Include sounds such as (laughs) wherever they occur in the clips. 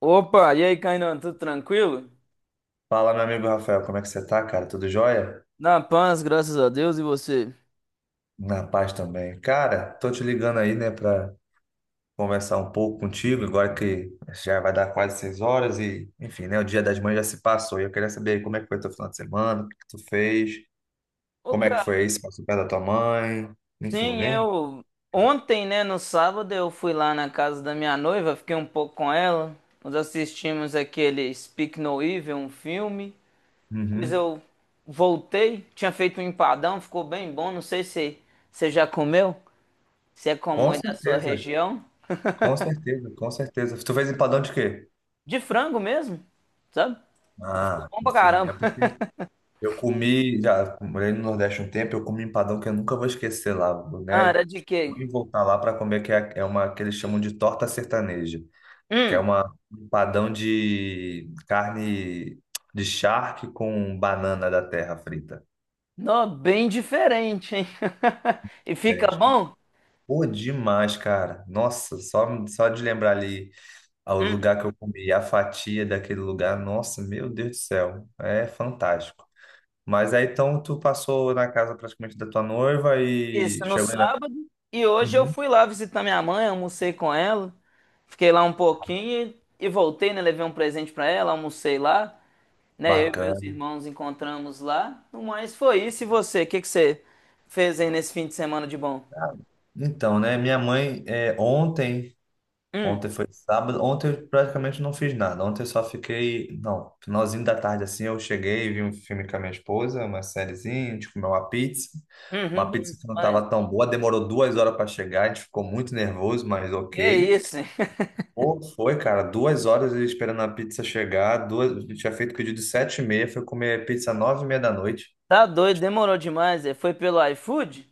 Opa, e aí, Kainan, tudo tranquilo? Fala, meu amigo Rafael, como é que você tá, cara? Tudo jóia? Na paz, graças a Deus, e você? Na paz também. Cara, tô te ligando aí, né, pra conversar um pouco contigo, agora que já vai dar quase 6 horas e, enfim, né, o Dia das Mães já se passou e eu queria saber aí como é que foi teu final de semana, o que que tu fez, Ô, como é que cara, foi isso, passou perto da tua mãe, enfim, sim, né? eu. Ontem, né, no sábado, eu fui lá na casa da minha noiva, fiquei um pouco com ela. Nós assistimos aquele Speak No Evil, um filme. Depois Uhum. eu voltei, tinha feito um empadão, ficou bem bom. Não sei se você já comeu, se é comum Com aí da sua certeza, região. com certeza, com certeza. Tu fez empadão de quê? De frango mesmo, sabe? Ficou Ah, bom pra sim, é caramba. (laughs) porque eu comi, já morei no Nordeste um tempo, eu comi um empadão que eu nunca vou esquecer lá, Ah, né? era de quê? Vou voltar lá para comer, que é uma que eles chamam de torta sertaneja, que é Hum. uma um empadão de carne de charque com banana da terra frita. Nó, bem diferente, hein? (laughs) E fica Diferente. bom? Pô, demais, cara. Nossa, só de lembrar ali o Hum. lugar que eu comi, a fatia daquele lugar, nossa, meu Deus do céu, é fantástico. Mas aí então tu passou na casa praticamente da tua noiva e Isso, no chegou. sábado. E hoje eu Uhum. fui lá visitar minha mãe, almocei com ela. Fiquei lá um pouquinho e voltei, né? Levei um presente pra ela, almocei lá. Né? Eu e meus Bacana. irmãos encontramos lá. Mas foi isso. E você? O que que você fez aí nesse fim de semana de bom? Ah, então, né? Minha mãe, Hum, ontem foi sábado, ontem eu praticamente não fiz nada. Ontem eu só fiquei, não, finalzinho da tarde assim, eu cheguei, vi um filme com a minha esposa, uma sériezinha, a gente comeu uma pizza. uhum, Uma bom pizza que não demais. estava tão boa, demorou 2 horas para chegar, a gente ficou muito nervoso, mas Que ok. isso, hein? (laughs) Pô, foi, cara, 2 horas esperando a pizza chegar, duas, a gente tinha feito pedido de 7h30, foi comer pizza 9h30 da noite. Tá doido, demorou demais. É. Foi pelo iFood?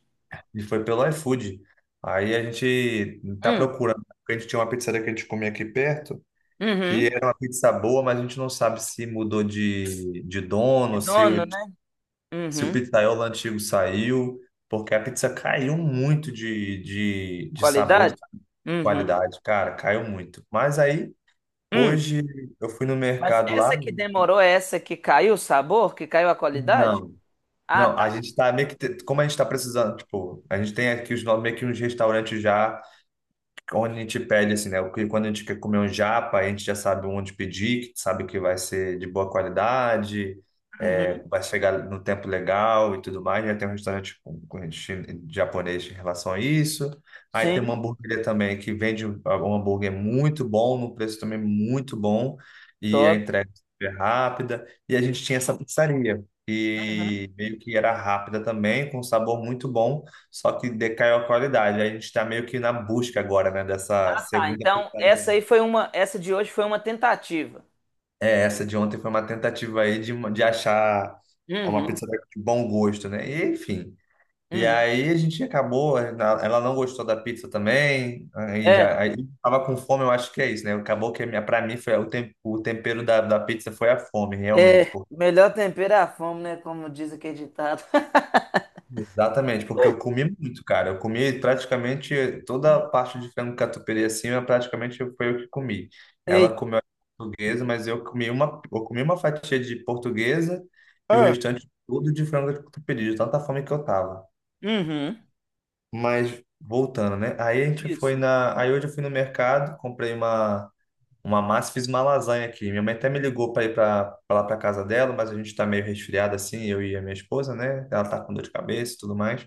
E foi pelo iFood. Aí a gente tá Hum, procurando, porque a gente tinha uma pizzaria que a gente comia aqui perto, que uhum. era uma pizza boa, mas a gente não sabe se mudou de De dono, dono, né? se o Uhum. pizzaiolo antigo saiu, porque a pizza caiu muito de sabor, Qualidade? Uhum. qualidade, cara, caiu muito. Mas aí, Hum. hoje, eu fui no Mas mercado lá, essa que demorou é essa que caiu o sabor, que caiu a qualidade? não, Ah, não, a tá. gente tá meio que, como a gente tá precisando, tipo, a gente tem aqui os, no- meio que uns restaurantes já. Onde a gente pede, assim, né? Porque quando a gente quer comer um japa, a gente já sabe onde pedir, que sabe que vai ser de boa qualidade, Uhum. vai chegar no tempo legal e tudo mais. Já tem um restaurante com japonês em relação a isso. Aí tem uma Sim, hamburgueria também que vende um hambúrguer muito bom, num preço também muito bom, e a top. entrega é super rápida. E a gente tinha essa pizzaria, Uhum. e meio que era rápida também, com sabor muito bom. Só que decaiu a qualidade. A gente está meio que na busca agora, né, dessa Tá, segunda então pizzaria essa aí. aí foi uma, essa de hoje foi uma tentativa. É, essa de ontem foi uma tentativa aí de achar uma Uhum. pizzaria de bom gosto, né? E, enfim. E Uhum. aí a gente acabou, ela não gostou da pizza também, aí É, já aí tava com fome, eu acho que é isso, né? Acabou que a minha, para mim foi o tempero da pizza foi a fome, realmente. Melhor tempero é a fome, né? Como diz aquele ditado. (laughs) Exatamente, porque eu comi muito, cara. Eu comi praticamente toda a parte de frango catupiry assim, eu praticamente foi eu que comi. Ela Ei. comeu portuguesa, mas eu comi uma fatia de portuguesa e o Ah. restante tudo de frango catupiry, de tanta fome que eu tava. Uhum. Mas voltando, né? Aí a gente foi Isso. na, aí hoje eu fui no mercado, comprei uma massa, e fiz uma lasanha aqui. Minha mãe até me ligou para ir para lá para casa dela, mas a gente tá meio resfriado assim, eu e a minha esposa, né? Ela tá com dor de cabeça e tudo mais.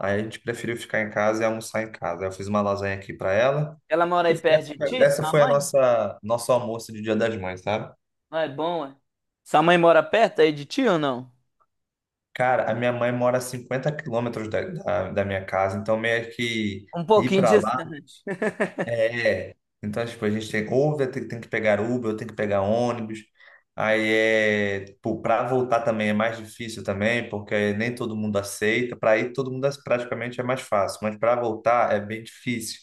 Aí a gente preferiu ficar em casa e almoçar em casa. Aí eu fiz uma lasanha aqui para ela. Ela mora E aí foi- essa perto de foi ti, essa sua foi a mãe? nossa nosso almoço de Dia das Mães, sabe? Não é bom, é? Sua mãe mora perto aí de ti ou não? Cara, a minha mãe mora a 50 quilômetros da minha casa, então meio que Um ir pouquinho para lá distante. (laughs) é. É. Então, tipo, a gente tem, ou tem, que pegar Uber, ou tem que pegar ônibus. Aí é, tipo, para voltar também é mais difícil também, porque nem todo mundo aceita. Para ir, todo mundo praticamente é mais fácil, mas para voltar é bem difícil.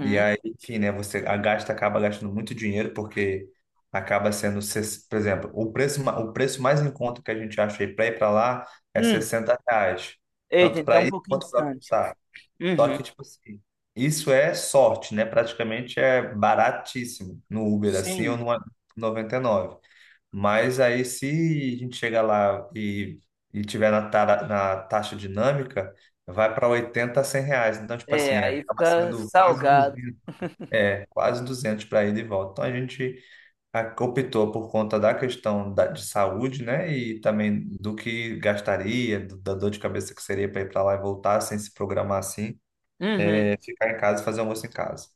E aí, enfim, né? Você gasta, acaba gastando muito dinheiro, porque acaba sendo, por exemplo, o preço, o preço mais em conta que a gente acha aí para ir para lá é Hum. 60 reais, Eita, tanto para então é um ir pouquinho quanto para distante. voltar. Só Uhum. que, tipo assim, isso é sorte, né? Praticamente é baratíssimo no Uber, assim, ou Sim. no 99. Mas aí, se a gente chegar lá e tiver na taxa dinâmica, vai para 80, 100 reais. Então, tipo assim, É, é, aí acaba fica sendo quase salgado. 200 , quase 200 para ir de volta. Então a gente optou por conta da questão de saúde, né? E também do que gastaria, da dor de cabeça que seria para ir para lá e voltar sem se programar assim, Uhum. Ficar em casa e fazer almoço em casa.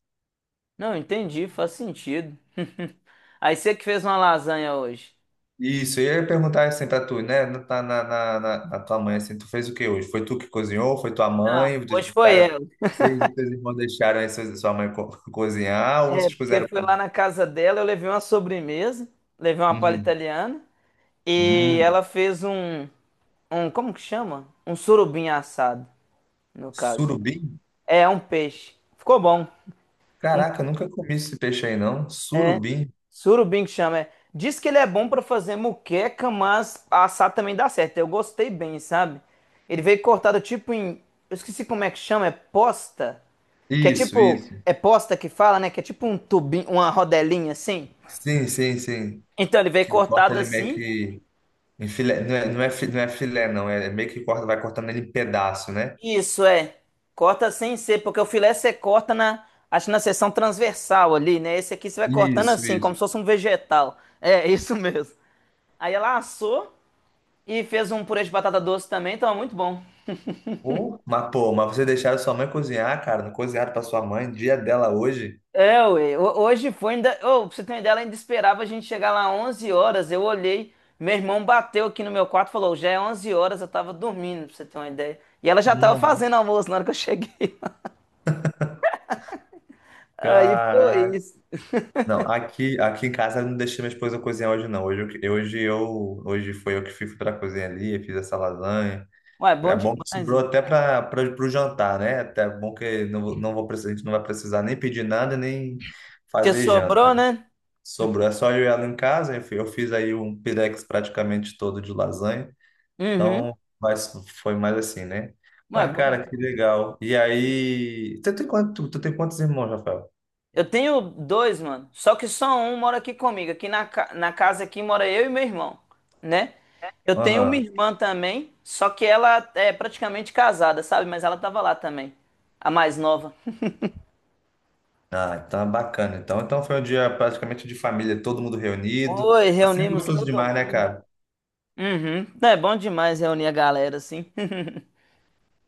Não, entendi, faz sentido. (laughs) Aí você que fez uma lasanha hoje. Isso, e eu ia perguntar assim para tu, né? Na tua mãe, assim, tu fez o que hoje? Foi tu que cozinhou? Foi tua Não, mãe? Vocês hoje foi deixaram, ela. vocês, e teus irmãos deixaram aí sua mãe (laughs) cozinhar ou É, vocês porque cozeram? foi Mim? lá na casa dela, eu levei uma sobremesa, levei uma palha Uhum. italiana e Hum, ela fez um, um, como que chama? Um surubim assado, no caso. surubim? É, um peixe. Ficou bom. Caraca, eu nunca comi esse peixe aí, não. Surubim? Surubim que chama, é. Diz que ele é bom pra fazer muqueca, mas assar também dá certo. Eu gostei bem, sabe? Ele veio cortado tipo em. Eu esqueci como é que chama, é posta? Que é Isso, tipo. isso. É posta que fala, né? Que é tipo um tubinho, uma rodelinha assim. Sim, sim, sim. Então ele veio Que corta cortado ele meio assim. que em filé. Não é, não é, não é filé, não. É meio que corta, vai cortando ele em pedaço, né? Isso é. Corta sem ser, porque o filé você corta na. Acho que na seção transversal ali, né? Esse aqui você vai cortando Isso, assim, como isso. se fosse um vegetal. É, isso mesmo. Aí ela assou. E fez um purê de batata doce também, tava muito bom. Pô, mas você deixaram sua mãe cozinhar, cara? Não cozinharam pra sua mãe, dia dela hoje? É, ué, hoje foi ainda. Ô, pra você ter uma ideia, ela ainda esperava a gente chegar lá 11 horas. Eu olhei, meu irmão bateu aqui no meu quarto e falou: já é 11 horas, eu tava dormindo, pra você ter uma ideia. E ela já tava Não, fazendo almoço na hora que eu cheguei. (laughs) Aí foi caraca. isso. Não, aqui em casa eu não deixei minha esposa cozinhar hoje, não. Hoje foi eu que fui pra cozinha ali, eu fiz essa lasanha. Ué, bom É bom que demais, sobrou né? até para o jantar, né? Até é bom que não, não vou precisar, a gente não vai precisar nem pedir nada, nem Porque fazer sobrou, janta. né? Sobrou, é só eu e ela em casa. Eu fiz aí um pirex praticamente todo de lasanha. Uhum. Então, mas foi mais assim, né? Ué, Mas, bom cara, que demais. legal. E aí, tu tem quantos irmãos, Rafael? Eu tenho dois, mano. Só que só um mora aqui comigo. Aqui na casa aqui mora eu e meu irmão, né? Eu tenho uma Aham. irmã também, só que ela é praticamente casada, sabe? Mas ela tava lá também, a mais nova. Ah, então é bacana. Então foi um dia praticamente de família, todo mundo reunido. Oi, Assim é reunimos gostoso todo demais, né, mundo. cara? Uhum. É bom demais reunir a galera assim. (laughs)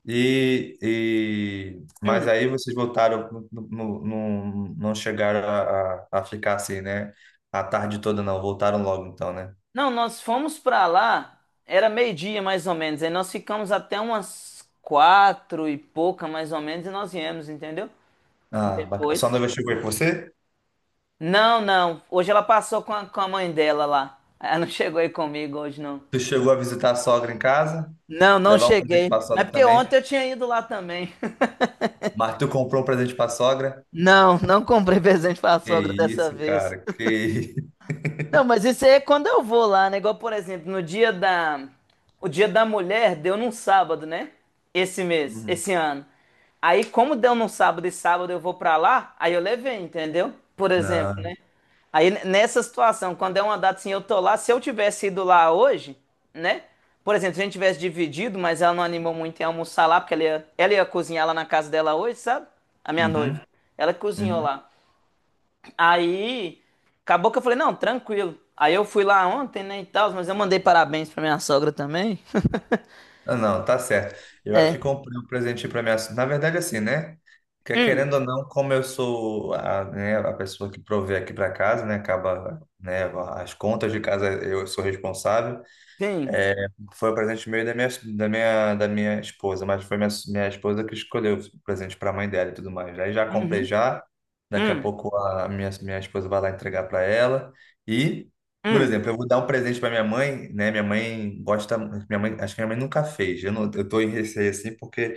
E mas Hum. aí vocês voltaram, não chegaram a ficar assim, né? A tarde toda não, voltaram logo então, né? Não, nós fomos pra lá, era meio-dia mais ou menos. Aí nós ficamos até umas quatro e pouca mais ou menos e nós viemos, entendeu? Ah, bacana. Sua Depois. noiva chegou aí com você? Não, não. Hoje ela passou com a mãe dela lá. Ela não chegou aí comigo hoje, não. Tu chegou a visitar a sogra em casa? Não, não Levar um presente cheguei. pra Mas sogra porque também? ontem eu tinha ido lá também. (laughs) Mas tu comprou um presente pra sogra? Não, não comprei (laughs) presente pra Que sogra dessa isso, vez. cara, que isso. (laughs) Não, mas isso aí é quando eu vou lá, né? Igual, por exemplo, no dia da... O dia da mulher deu num sábado, né? Esse mês, Hum, esse ano. Aí, como deu num sábado e sábado eu vou pra lá, aí eu levei, entendeu? Por exemplo, não. né? Aí, nessa situação, quando é uma data assim, eu tô lá, se eu tivesse ido lá hoje, né? Por exemplo, se a gente tivesse dividido, mas ela não animou muito em almoçar lá, porque ela ia cozinhar lá na casa dela hoje, sabe? A minha noiva. Uhum, Ela cozinhou uhum. lá. Aí, acabou que eu falei, não, tranquilo. Aí eu fui lá ontem, né, e tal, mas eu mandei parabéns pra minha sogra também. (laughs) Ah, não, tá certo. Eu É. aqui comprei um presente para minha. Na verdade, assim, né? Que Hum, querendo ou não, como eu sou a, né, a pessoa que provê aqui para casa, né? Acaba, né? As contas de casa eu sou responsável. sim. Foi o presente meio da minha, esposa, mas foi minha esposa que escolheu o presente para a mãe dela e tudo mais. Aí já comprei Uhum. já, daqui a Hum, pouco a minha esposa vai lá entregar para ela. E, por hum. exemplo, eu vou dar um presente para minha mãe, né? Minha mãe gosta, minha mãe, acho que minha mãe nunca fez. Eu não, eu tô em receio assim porque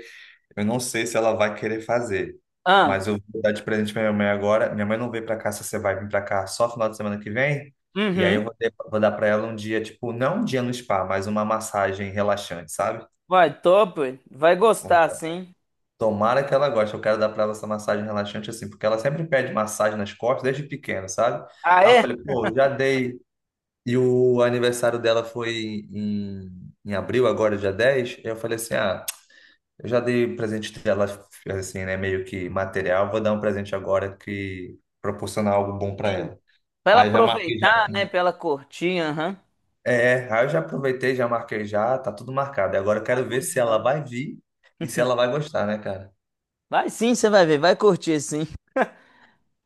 eu não sei se ela vai querer fazer, Ah, mas eu vou dar de presente pra minha mãe agora. Minha mãe não veio pra cá, se você vai vir pra cá só final de semana que vem. E aí eu uhum. vou, ter- vou dar pra ela um dia, tipo, não um dia no spa, mas uma massagem relaxante, sabe? Vai, top. Vai Vou gostar, dar- sim. Tomara que ela goste. Eu quero dar pra ela essa massagem relaxante assim, porque ela sempre pede massagem nas costas desde pequena, sabe? Ah, Aí eu é? falei, pô, já dei. E o aniversário dela foi em abril, agora é dia 10. Eu falei assim, ah. Eu já dei um presente dela, assim, né? Meio que material. Vou dar um presente agora que proporcionar algo bom para Sim. ela. Pra ela Aí já marquei já. aproveitar, né, pra ela curtir, aham. É, aí eu já aproveitei, já marquei já, tá tudo marcado. E agora eu Vai, quero bom ver se ela demais. vai vir e se ela vai gostar, né, cara? Vai sim, você vai ver, vai curtir sim.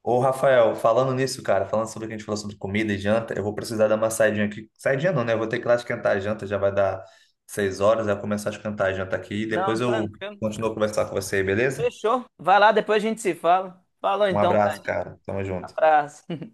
Ô, Rafael, falando nisso, cara, falando sobre o que a gente falou sobre comida e janta, eu vou precisar dar uma saidinha aqui. Saidinha não, né? Eu vou ter que ir lá esquentar a janta, já vai dar 6 horas, já começar a esquentar a janta aqui e Não, depois eu tranquilo. continuo a conversar com você, beleza? Fechou. Vai lá, depois a gente se fala. Falou Um então, cara. abraço, cara. Tamo junto. Abraço.